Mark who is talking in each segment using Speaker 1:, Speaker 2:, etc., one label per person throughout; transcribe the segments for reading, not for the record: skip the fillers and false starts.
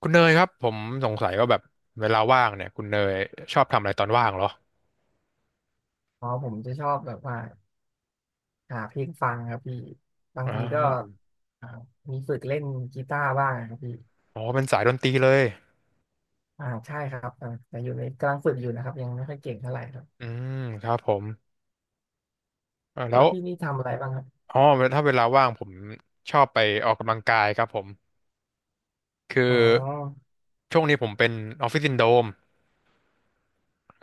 Speaker 1: คุณเนยครับผมสงสัยว่าแบบเวลาว่างเนี่ยคุณเนยชอบทำอะไรตอนว่างเหรอ
Speaker 2: อ๋อผมจะชอบแบบว่าหาเพลงฟังครับพี่บาง
Speaker 1: อ่
Speaker 2: ทีก็
Speaker 1: า
Speaker 2: อ่ามีฝึกเล่นกีตาร์บ้างครับพี่
Speaker 1: อ๋อเป็นสายดนตรีเลย
Speaker 2: อ่าใช่ครับแต่อยู่ในกำลังฝึกอยู่นะครับยังไม่ค่อยเก่งเท่าไหร่ครับ
Speaker 1: อืมครับผมอ่าแล้
Speaker 2: แล้
Speaker 1: ว
Speaker 2: วพี่นี่ทำอะไรบ้างครับ
Speaker 1: อ๋อถ้าเวลาว่างผมชอบไปออกกำลังกายครับผมคือ
Speaker 2: อ๋อ
Speaker 1: ช่วงนี้ผมเป็นออฟฟิศซินโดรม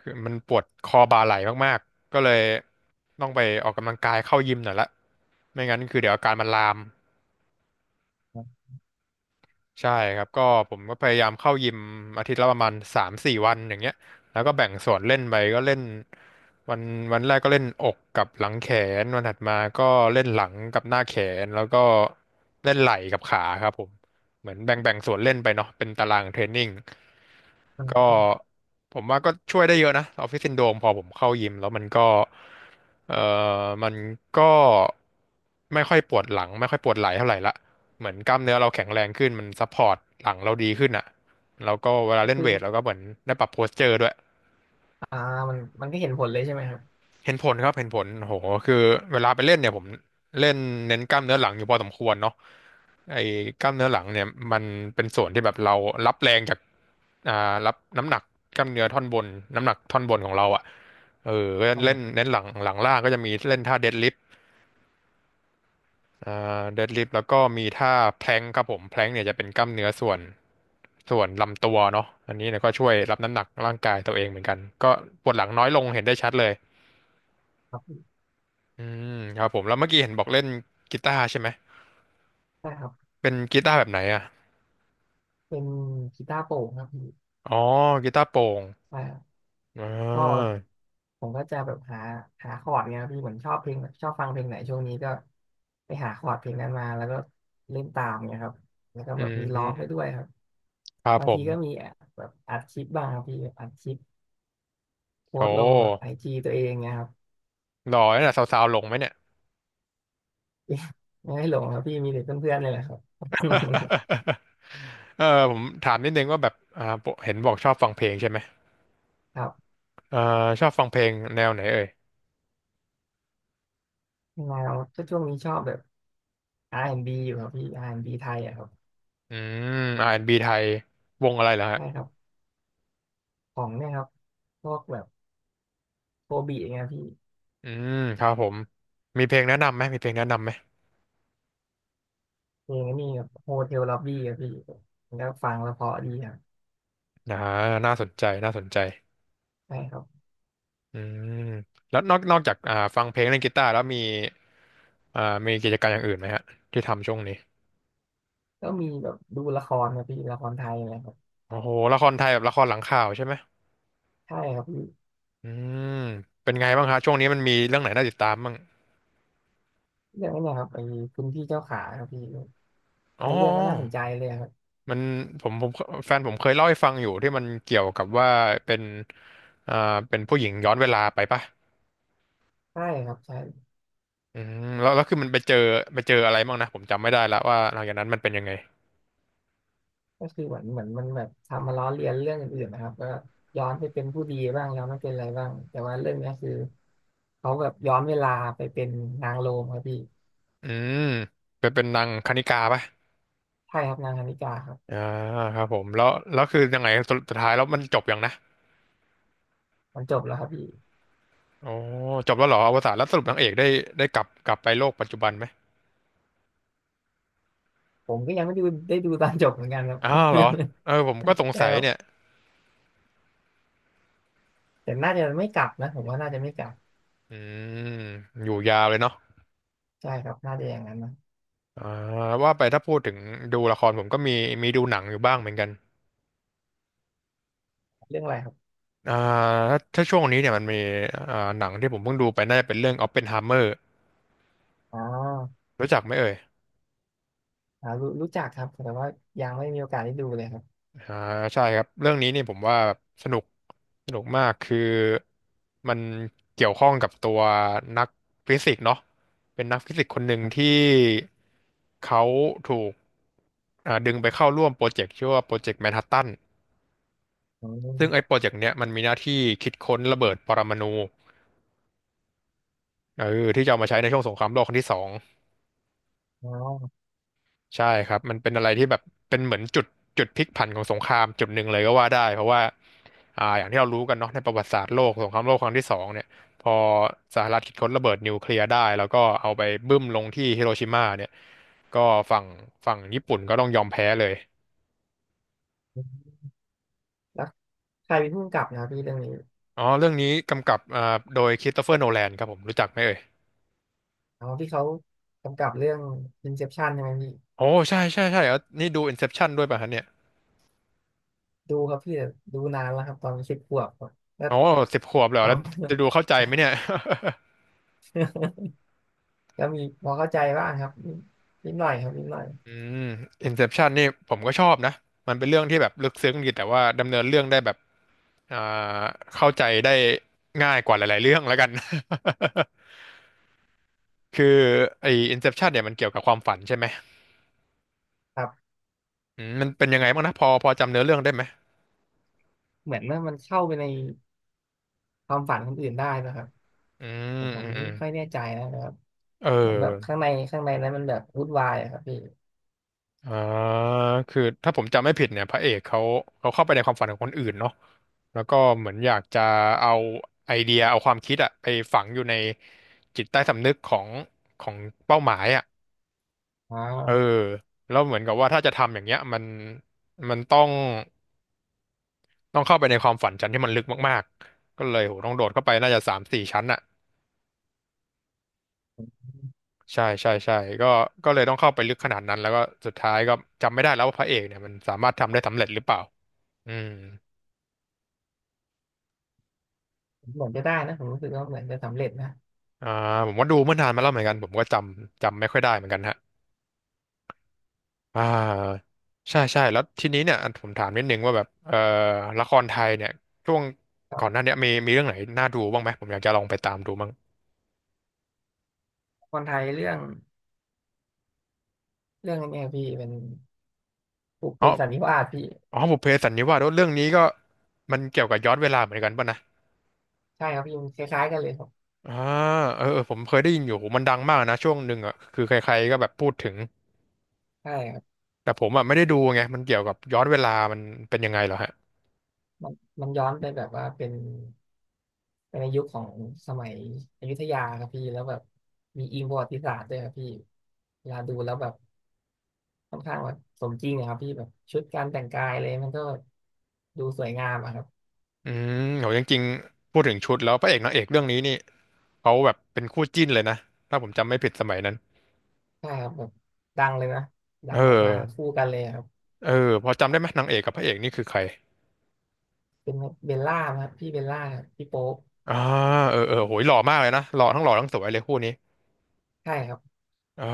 Speaker 1: คือมันปวดคอบ่าไหล่มากๆก็เลยต้องไปออกกำลังกายเข้ายิมหน่อยละไม่งั้นคือเดี๋ยวอาการมันลาม
Speaker 2: อ
Speaker 1: ใช่ครับก็ผมก็พยายามเข้ายิมอาทิตย์ละประมาณสามสี่วันอย่างเงี้ยแล้วก็แบ่งส่วนเล่นไปก็เล่นวันวันแรกก็เล่นอกกับหลังแขนวันถัดมาก็เล่นหลังกับหน้าแขนแล้วก็เล่นไหล่กับขาครับผมเหมือนแบ่งส่วนเล่นไปเนาะเป็นตารางเทรนนิ่ง
Speaker 2: ่า
Speaker 1: ก็ผมว่าก็ช่วยได้เยอะนะออฟฟิศซินโดรมพอผมเข้ายิมแล้วมันก็เอ่อมันก็ไม่ค่อยปวดหลังไม่ค่อยปวดไหล่เท่าไหร่ละ เหมือนกล้ามเนื้อเราแข็งแรงขึ้นมันซัพพอร์ตหลังเราดีขึ้นอ่ะแล้วก็เวลา
Speaker 2: ก็
Speaker 1: เล่น
Speaker 2: คือ
Speaker 1: เวทเราก็เหมือนได้ปรับโพสเจอร์ด้วย
Speaker 2: อ่ามันก็เห็นผลเลยใช่ไหมครับ
Speaker 1: เห็นผลครับเห็นผลโหคือเวลาไปเล่นเนี่ยผมเล่นเน้นกล้ามเนื้อหลังอยู่พอสมควรเนาะไอ้กล้ามเนื้อหลังเนี่ยมันเป็นส่วนที่แบบเรารับแรงจากอ่ารับน้ำหนักกล้ามเนื้อท่อนบนน้ำหนักท่อนบนของเราอ่ะเออก็
Speaker 2: อ๋
Speaker 1: เล่น
Speaker 2: อ
Speaker 1: เน้นหลังหลังล่างก็จะมีเล่นท่าเดดลิฟ อ่แล้วก็มีท่าแพลงครับผมแพลงเนี่ยจะเป็นกล้ามเนื้อส่วนลำตัวเนาะอันนี้เนี่ยก็ช่วยรับน้ำหนักร่างกายตัวเองเหมือนกันก็ปวดหลังน้อยลงเห็นได้ชัดเลย
Speaker 2: ครับพี่
Speaker 1: อืมครับผมแล้วเมื่อกี้เห็นบอกเล่นกีตาร์ใช่ไหม
Speaker 2: ใช่ครับ
Speaker 1: เป็นกีตาร์แบบไหนอ่ะ
Speaker 2: เป็นกีตาร์โปร่งครับพี่
Speaker 1: อ๋อกีตาร์โปร่ง
Speaker 2: ใช่
Speaker 1: อ่
Speaker 2: ก็
Speaker 1: า
Speaker 2: ผมก็จะแบบหาคอร์ดเนี่ยครับพี่ผมชอบเพลงชอบฟังเพลงไหนช่วงนี้ก็ไปหาคอร์ดเพลงนั้นมาแล้วก็เล่นตามเนี่ยครับแล้วก็
Speaker 1: อื
Speaker 2: แบบมีร้องไป
Speaker 1: ม
Speaker 2: ด้วยครับ
Speaker 1: ครับ
Speaker 2: บาง
Speaker 1: ผ
Speaker 2: ที
Speaker 1: ม
Speaker 2: ก็มีแบบอัดคลิปบ้างครับพี่อัดคลิปโพ
Speaker 1: โอ้
Speaker 2: สต์ลงแบบไอจีตัวเองเนี่ยครับ
Speaker 1: หล่อเนี่ยสาวๆหลงไหมเนี่ย
Speaker 2: ไม่ให้หลงครับพี่มีแต่เพื่อนๆเลยแหละครับ
Speaker 1: เออผมถามนิดนึงว่าแบบปกเห็นบอกชอบฟังเพลงใช่ไหม
Speaker 2: ครับ
Speaker 1: เอ่าชอบฟังเพลงแนวไหนเอ่ย
Speaker 2: ยังไงเราก็ช่วงนี้ชอบแบบ R&B อนด์บีอยู่ครับพี่อาร์แอนด์บีไทยอะครับ
Speaker 1: อืม r ีไทยวงอะไรเหรอฮะ
Speaker 2: ใช่ครับของเนี่ยครับพวกแบบโคบีอย่างเงี้ยพี่
Speaker 1: อืมครับผม มีเพลงแนะนำไหมมีเพลงแนะนำไหม
Speaker 2: เพลงนี่แบบโฮเทลล็อบบี้ครับพี่มันก็ฟังแล้วเพราะดีครับ
Speaker 1: อ่าน่าสนใจน่าสนใจ
Speaker 2: ใช่ครับ
Speaker 1: อืมแล้วนอกจากฟังเพลงเล่นกีตาร์แล้วมีอ่ากิจการมอย่างอื่นไหมฮะที่ทำช่วงนี้
Speaker 2: ก็มีแบบดูละครครับพี่ละครไทยอะไรครับ
Speaker 1: โอ้โหละครไทยแบบละครหลังข่าวใช่ไหม
Speaker 2: ใช่ครับพี่
Speaker 1: อืมเป็นไงบ้างฮะช่วงนี้มันมีเรื่องไหนน่าติดตามบ้าง
Speaker 2: เรื่องนี้นนะครับไอ้คุณพี่เจ้าขาครับพี่
Speaker 1: อ๋อ
Speaker 2: แล้วเรื่องก็น่าสนใจเลยครับ
Speaker 1: มันผมผมแฟนผมเคยเล่าให้ฟังอยู่ที่มันเกี่ยวกับว่าเป็นอ่าผู้หญิงย้อนเวลาไปปะ
Speaker 2: ใช่ครับใช่
Speaker 1: อืแล้วคือมันไปเจออะไรบ้างนะผมจำไม่ได้ละว่าหลังจากนั้นมันเป็นยังไง
Speaker 2: ก็คือเหมือนมันแบบทำมาล้อเลียนเรื่องอื่นๆนะครับก็ย้อนไปเป็นผู้ดีบ้างย้อนไปเป็นอะไรบ้างแต่ว่าเรื่องเนี้ยคือเขาแบบย้อนเวลาไปเป็นนางโรมครับพี่
Speaker 1: อืมไปเป็นนางคณิกาป่ะ
Speaker 2: ใช่ครับนางคณิกาครับ
Speaker 1: อ่าครับผมแล้วคือยังไงสุดท้ายแล้วมันจบยังนะ
Speaker 2: มันจบแล้วครับพี่
Speaker 1: โอ้จบแล้วเหรออวสานแล้วสรุปนางเอกได้กลับไปโลกปัจจุบันไหม
Speaker 2: ผมก็ยังไม่ได้ดูได้ดูตอนจบเหมือนกันครับ
Speaker 1: อ้าวเหรอเออผมก็ส ง
Speaker 2: ใช่ครั
Speaker 1: สัยเนี่ย
Speaker 2: บ แต่น่าจะไม่กลับนะผมว่าน่าจะไม่กลับ
Speaker 1: อืมอยู่ยาวเลยเนาะ
Speaker 2: ใช่ครับน่าจะอย่างนั้นนะ
Speaker 1: อ่าว่าไปถ้าพูดถึงดูละครผมก็มีดูหนังอยู่บ้างเหมือนกัน
Speaker 2: เรื่องอะไรครับ
Speaker 1: อ่าถ้าช่วงนี้เนี่ยมันมีหนังที่ผมเพิ่งดูไปน่าจะเป็นเรื่อง Oppenheimer
Speaker 2: อ๋อ
Speaker 1: รู้จักไหมเอ่ย
Speaker 2: รู้จักครับแต่ว่ายังไม่มีโอกาสได้ดูเลยครับ
Speaker 1: อ่าใช่ครับเรื่องนี้นี่ผมว่าแบบสนุกมากคือมันเกี่ยวข้องกับตัวนักฟิสิกส์เนาะเป็นนักฟิสิกส์คนหนึ่ง
Speaker 2: ครับ
Speaker 1: ที่เขาถูกดึงไปเข้าร่วมโปรเจกต์ชื่อว่าโปรเจกต์แมนฮัตตัน
Speaker 2: อ
Speaker 1: ซึ่งไอ้
Speaker 2: ๋
Speaker 1: โปรเจกต์เนี้ยมันมีหน้าที่คิดค้นระเบิดปรมาณูเออที่จะเอามาใช้ในช่วงสงครามโลกครั้งที่สอง
Speaker 2: อ๋อ
Speaker 1: ใช่ครับมันเป็นอะไรที่แบบเป็นเหมือนจุดพลิกผันของสงครามจุดหนึ่งเลยก็ว่าได้เพราะว่าอย่างที่เรารู้กันเนาะในประวัติศาสตร์โลกสงครามโลกครั้งที่สองเนี่ยพอสหรัฐคิดค้นระเบิดนิวเคลียร์ได้แล้วก็เอาไปบึ้มลงที่ฮิโรชิมาเนี่ยก็ฝั่งญี่ปุ่นก็ต้องยอมแพ้เลย
Speaker 2: แล้วใครเป็นผู้กำกับนะครับพี่เรื่องนี้
Speaker 1: อ๋อเรื่องนี้กำกับโดยคริสโตเฟอร์โนแลนครับผมรู้จักไหมเอ่ย
Speaker 2: อ๋อพี่เขากำกับเรื่อง Inception ใช่ไหมพี่
Speaker 1: โอ้ใช่ใช่ใช่แล้วนี่ดู Inception ด้วยป่ะฮะเนี่ย
Speaker 2: ดูครับพี่แต่ดูนานแล้วครับตอนสิบขวบครับ แล้ว
Speaker 1: โอ้สิบขวบเลยเหร
Speaker 2: จ
Speaker 1: อแล้ว
Speaker 2: ำ
Speaker 1: จะดูเข้าใจไหมเนี่ย
Speaker 2: ก็มีพอเข้าใจบ้างครับนิดหน่อยครับนิดหน่อย
Speaker 1: อืม Inception นี่ผมก็ชอบนะมันเป็นเรื่องที่แบบลึกซึ้งดีแต่ว่าดำเนินเรื่องได้แบบอ่าเข้าใจได้ง่ายกว่าหลายๆเรื่องแล้วกัน คือไอ้ Inception เนี่ยมันเกี่ยวกับความฝันใช่ไหม
Speaker 2: ครับ
Speaker 1: อืมมันเป็นยังไงบ้างนะพอจำเนื้อเรื่องได้ไหม
Speaker 2: เหมือนว่ามันเข้าไปในความฝันคนอื่นได้นะครับ
Speaker 1: อืม
Speaker 2: ผ
Speaker 1: อื
Speaker 2: ม
Speaker 1: มอื
Speaker 2: นี่
Speaker 1: ม
Speaker 2: ไม่ค่อยแน่ใจนะครับ
Speaker 1: เอ
Speaker 2: เหมือนแบบ
Speaker 1: อ
Speaker 2: ข้างในนั้นมันแบบวุ่นวายอะครับพี่
Speaker 1: อ่าคือถ้าผมจำไม่ผิดเนี่ยพระเอกเขาเข้าไปในความฝันของคนอื่นเนาะแล้วก็เหมือนอยากจะเอาไอเดียเอาความคิดอะไปฝังอยู่ในจิตใต้สำนึกของเป้าหมายอะ
Speaker 2: อ๋อ
Speaker 1: เออแล้วเหมือนกับว่าถ้าจะทำอย่างเงี้ยมันต้องเข้าไปในความฝันชั้นที่มันลึกมากๆก็เลยโหต้องโดดเข้าไปน่าจะ3-4 ชั้นอ่ะใช่ใช่ใช่ก็ก็เลยต้องเข้าไปลึกขนาดนั้นแล้วก็สุดท้ายก็จำไม่ได้แล้วว่าพระเอกเนี่ยมันสามารถทำได้สำเร็จหรือเปล่าอืม
Speaker 2: ผมเหมือนจะได้นะผมรู้สึกว่าเหมือนจะสำเร็จนะ
Speaker 1: อ่าผมว่าดูเมื่อนานมาแล้วเหมือนกันผมก็จำไม่ค่อยได้เหมือนกันฮะอ่าใช่ใช่แล้วทีนี้เนี่ยอันผมถามนิดนึงว่าแบบละครไทยเนี่ยช่วง
Speaker 2: คั
Speaker 1: ก่อนหน้า
Speaker 2: บ
Speaker 1: เนี้ยมีเรื่องไหนน่าดูบ้างไหมผมอยากจะลองไปตามดูบ้าง
Speaker 2: คนไทยเรื่องนี้พี่เป็นปลูกเป
Speaker 1: อ๋อ
Speaker 2: สันนิวาสพี่
Speaker 1: อ๋อบุพเพสันนิวาสเรื่องนี้ก็มันเกี่ยวกับย้อนเวลาเหมือนกันป่ะนะ
Speaker 2: ใช่ครับพี่มันคล้ายๆกันเลยครับ
Speaker 1: อ่าเออเออผมเคยได้ยินอยู่มันดังมากนะช่วงหนึ่งอ่ะคือใครๆก็แบบพูดถึง
Speaker 2: ใช่ครับ
Speaker 1: แต่ผมอ่ะไม่ได้ดูไงมันเกี่ยวกับย้อนเวลามันเป็นยังไงเหรอฮะ
Speaker 2: มันมันย้อนไปแบบว่าเป็นในยุคของสมัยอยุธยาครับพี่แล้วแบบมีอิงประวัติศาสตร์ด้วยครับพี่เวลาดูแล้วแบบค่อนข้างแบบสมจริงอะครับพี่แบบชุดการแต่งกายเลยมันก็ดูสวยงามอะครับ
Speaker 1: อืมโหจริงๆพูดถึงชุดแล้วพระเอกนางเอกเรื่องนี้นี่เขาแบบเป็นคู่จิ้นเลยนะถ้าผมจำไม่ผิดสมัยนั้น
Speaker 2: ใช่ครับแบบดังเลยนะดั
Speaker 1: เออ
Speaker 2: งแบบว่าคู่กันเลยครับ
Speaker 1: เออพอจำได้ไหมนางเอกกับพระเอกนี่คือใคร
Speaker 2: เป็นเบลล่าครับพี่เบลล่ากับพี่โป๊ป
Speaker 1: อ่าเออเออโหยหล่อมากเลยนะหล่อทั้งหล่อทั้งสวยเลยคู่นี้
Speaker 2: ใช่ครับ
Speaker 1: อ่า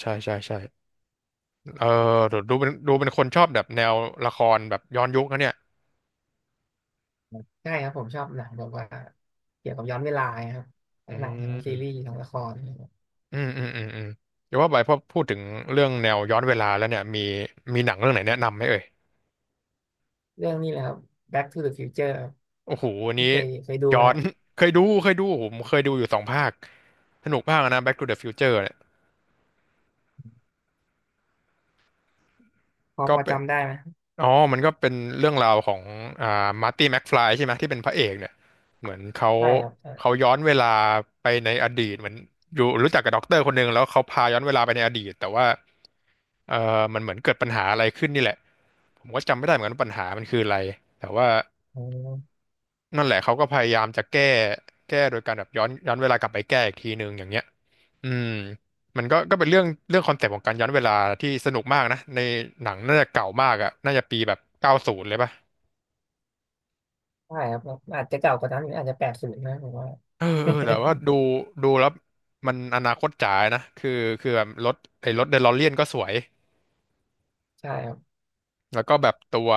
Speaker 1: ใช่ใช่ใช่ เออดูเป็นคนชอบแบบแนวละครแบบย้อนยุคนะเนี่ย
Speaker 2: ใช่ครับผมชอบหนังแบบว่าเกี่ยวกับย้อนเวลาครับ
Speaker 1: อื
Speaker 2: ทั้งหนังทั้งซีรี
Speaker 1: ม
Speaker 2: ส์ทั้งละครนะครับ
Speaker 1: อืมเดี๋ยวว่าไปพอพูดถึงเรื่องแนวย้อนเวลาแล้วเนี่ยมีหนังเรื่องไหนแนะนำไหมเอ่ย
Speaker 2: เรื่องนี้แหละครับ Back to the Future ครับ
Speaker 1: โอ้โหอัน
Speaker 2: พี่
Speaker 1: นี้
Speaker 2: เคยดู
Speaker 1: ย้
Speaker 2: ไหม
Speaker 1: อน
Speaker 2: ฮะ
Speaker 1: เคยดูเคยดูผมเคยดูอยู่2 ภาคสนุกมากนะ Back to the Future เนี่ยก็
Speaker 2: พอ
Speaker 1: เป็น
Speaker 2: จำได้ไหม
Speaker 1: อ๋อมันก็เป็นเรื่องราวของอ่ามาร์ตี้แม็กฟลายใช่ไหมที่เป็นพระเอกเนี่ยเหมือนเขา
Speaker 2: ใช่ครับใช่
Speaker 1: เขาย้อนเวลาไปในอดีตเหมือนอยู่รู้จักกับด็อกเตอร์คนหนึ่งแล้วเขาพาย้อนเวลาไปในอดีตแต่ว่าเออมันเหมือนเกิดปัญหาอะไรขึ้นนี่แหละผมก็จำไม่ได้เหมือนกันว่าปัญหามันคืออะไรแต่ว่า
Speaker 2: อืม
Speaker 1: นั่นแหละเขาก็พยายามจะแก้โดยการแบบย้อนเวลากลับไปแก้อีกทีหนึ่งอย่างเงี้ยอืมมันก็เป็นเรื่องคอนเซปต์ของการย้อนเวลาที่สนุกมากนะในหนังน่าจะเก่ามากอะน่าจะปีแบบ90เลยป่ะ
Speaker 2: ใช่ครับอาจจะเก่ากว่านั้นอีกอาจจะแปดสิบนะผมว่า
Speaker 1: เออเออแต่ว่า ดูแล้วมันอนาคตจ๋านะคือแบบรถไอ้รถเดล o เ e ียนก็สวย
Speaker 2: ใช่ครับ
Speaker 1: แล้วก็แบบตัว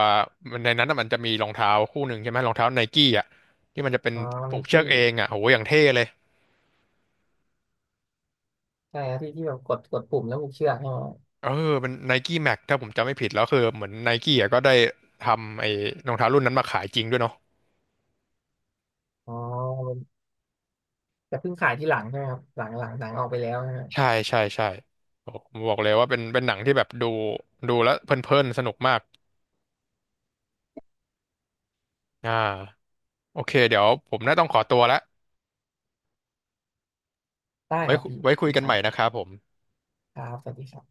Speaker 1: ในนั้นน่ะมันจะมีรองเท้าคู่หนึ่งใช่ไหมรองเท้าไนกี้อ่ะที่มันจะเป็น
Speaker 2: อ๋อไน
Speaker 1: ผูกเชือ
Speaker 2: กี้
Speaker 1: กเองอ่ะโหอย่างเท่เลย
Speaker 2: ใช่ครับที่แบบกดปุ่มแล้วผูกเชือกใช่ไหม
Speaker 1: เออเป็นไนกี้แม็กถ้าผมจำไม่ผิดแล้วคือเหมือนไนกี้อ่ะก็ได้ทำไอ้รองเท้ารุ่นนั้นมาขายจริงด้วยเนาะ
Speaker 2: อ๋อ แต่เพิ่งขายที่หลังใช่ไหมครับหลังหนังออกไปแล้วนะฮะ
Speaker 1: ใช่ใช่ใช่โอ้ผมบอกเลยว่าเป็นหนังที่แบบดูแล้วเพลินๆสนุกมากอ่าโอเคเดี๋ยวผมน่าต้องขอตัวละ
Speaker 2: ได้ครับพี่โอ
Speaker 1: ไว้
Speaker 2: เค
Speaker 1: คุยกัน
Speaker 2: ค
Speaker 1: ให
Speaker 2: รั
Speaker 1: ม่นะค
Speaker 2: บ
Speaker 1: รับผม
Speaker 2: ครับสวัสดีครับ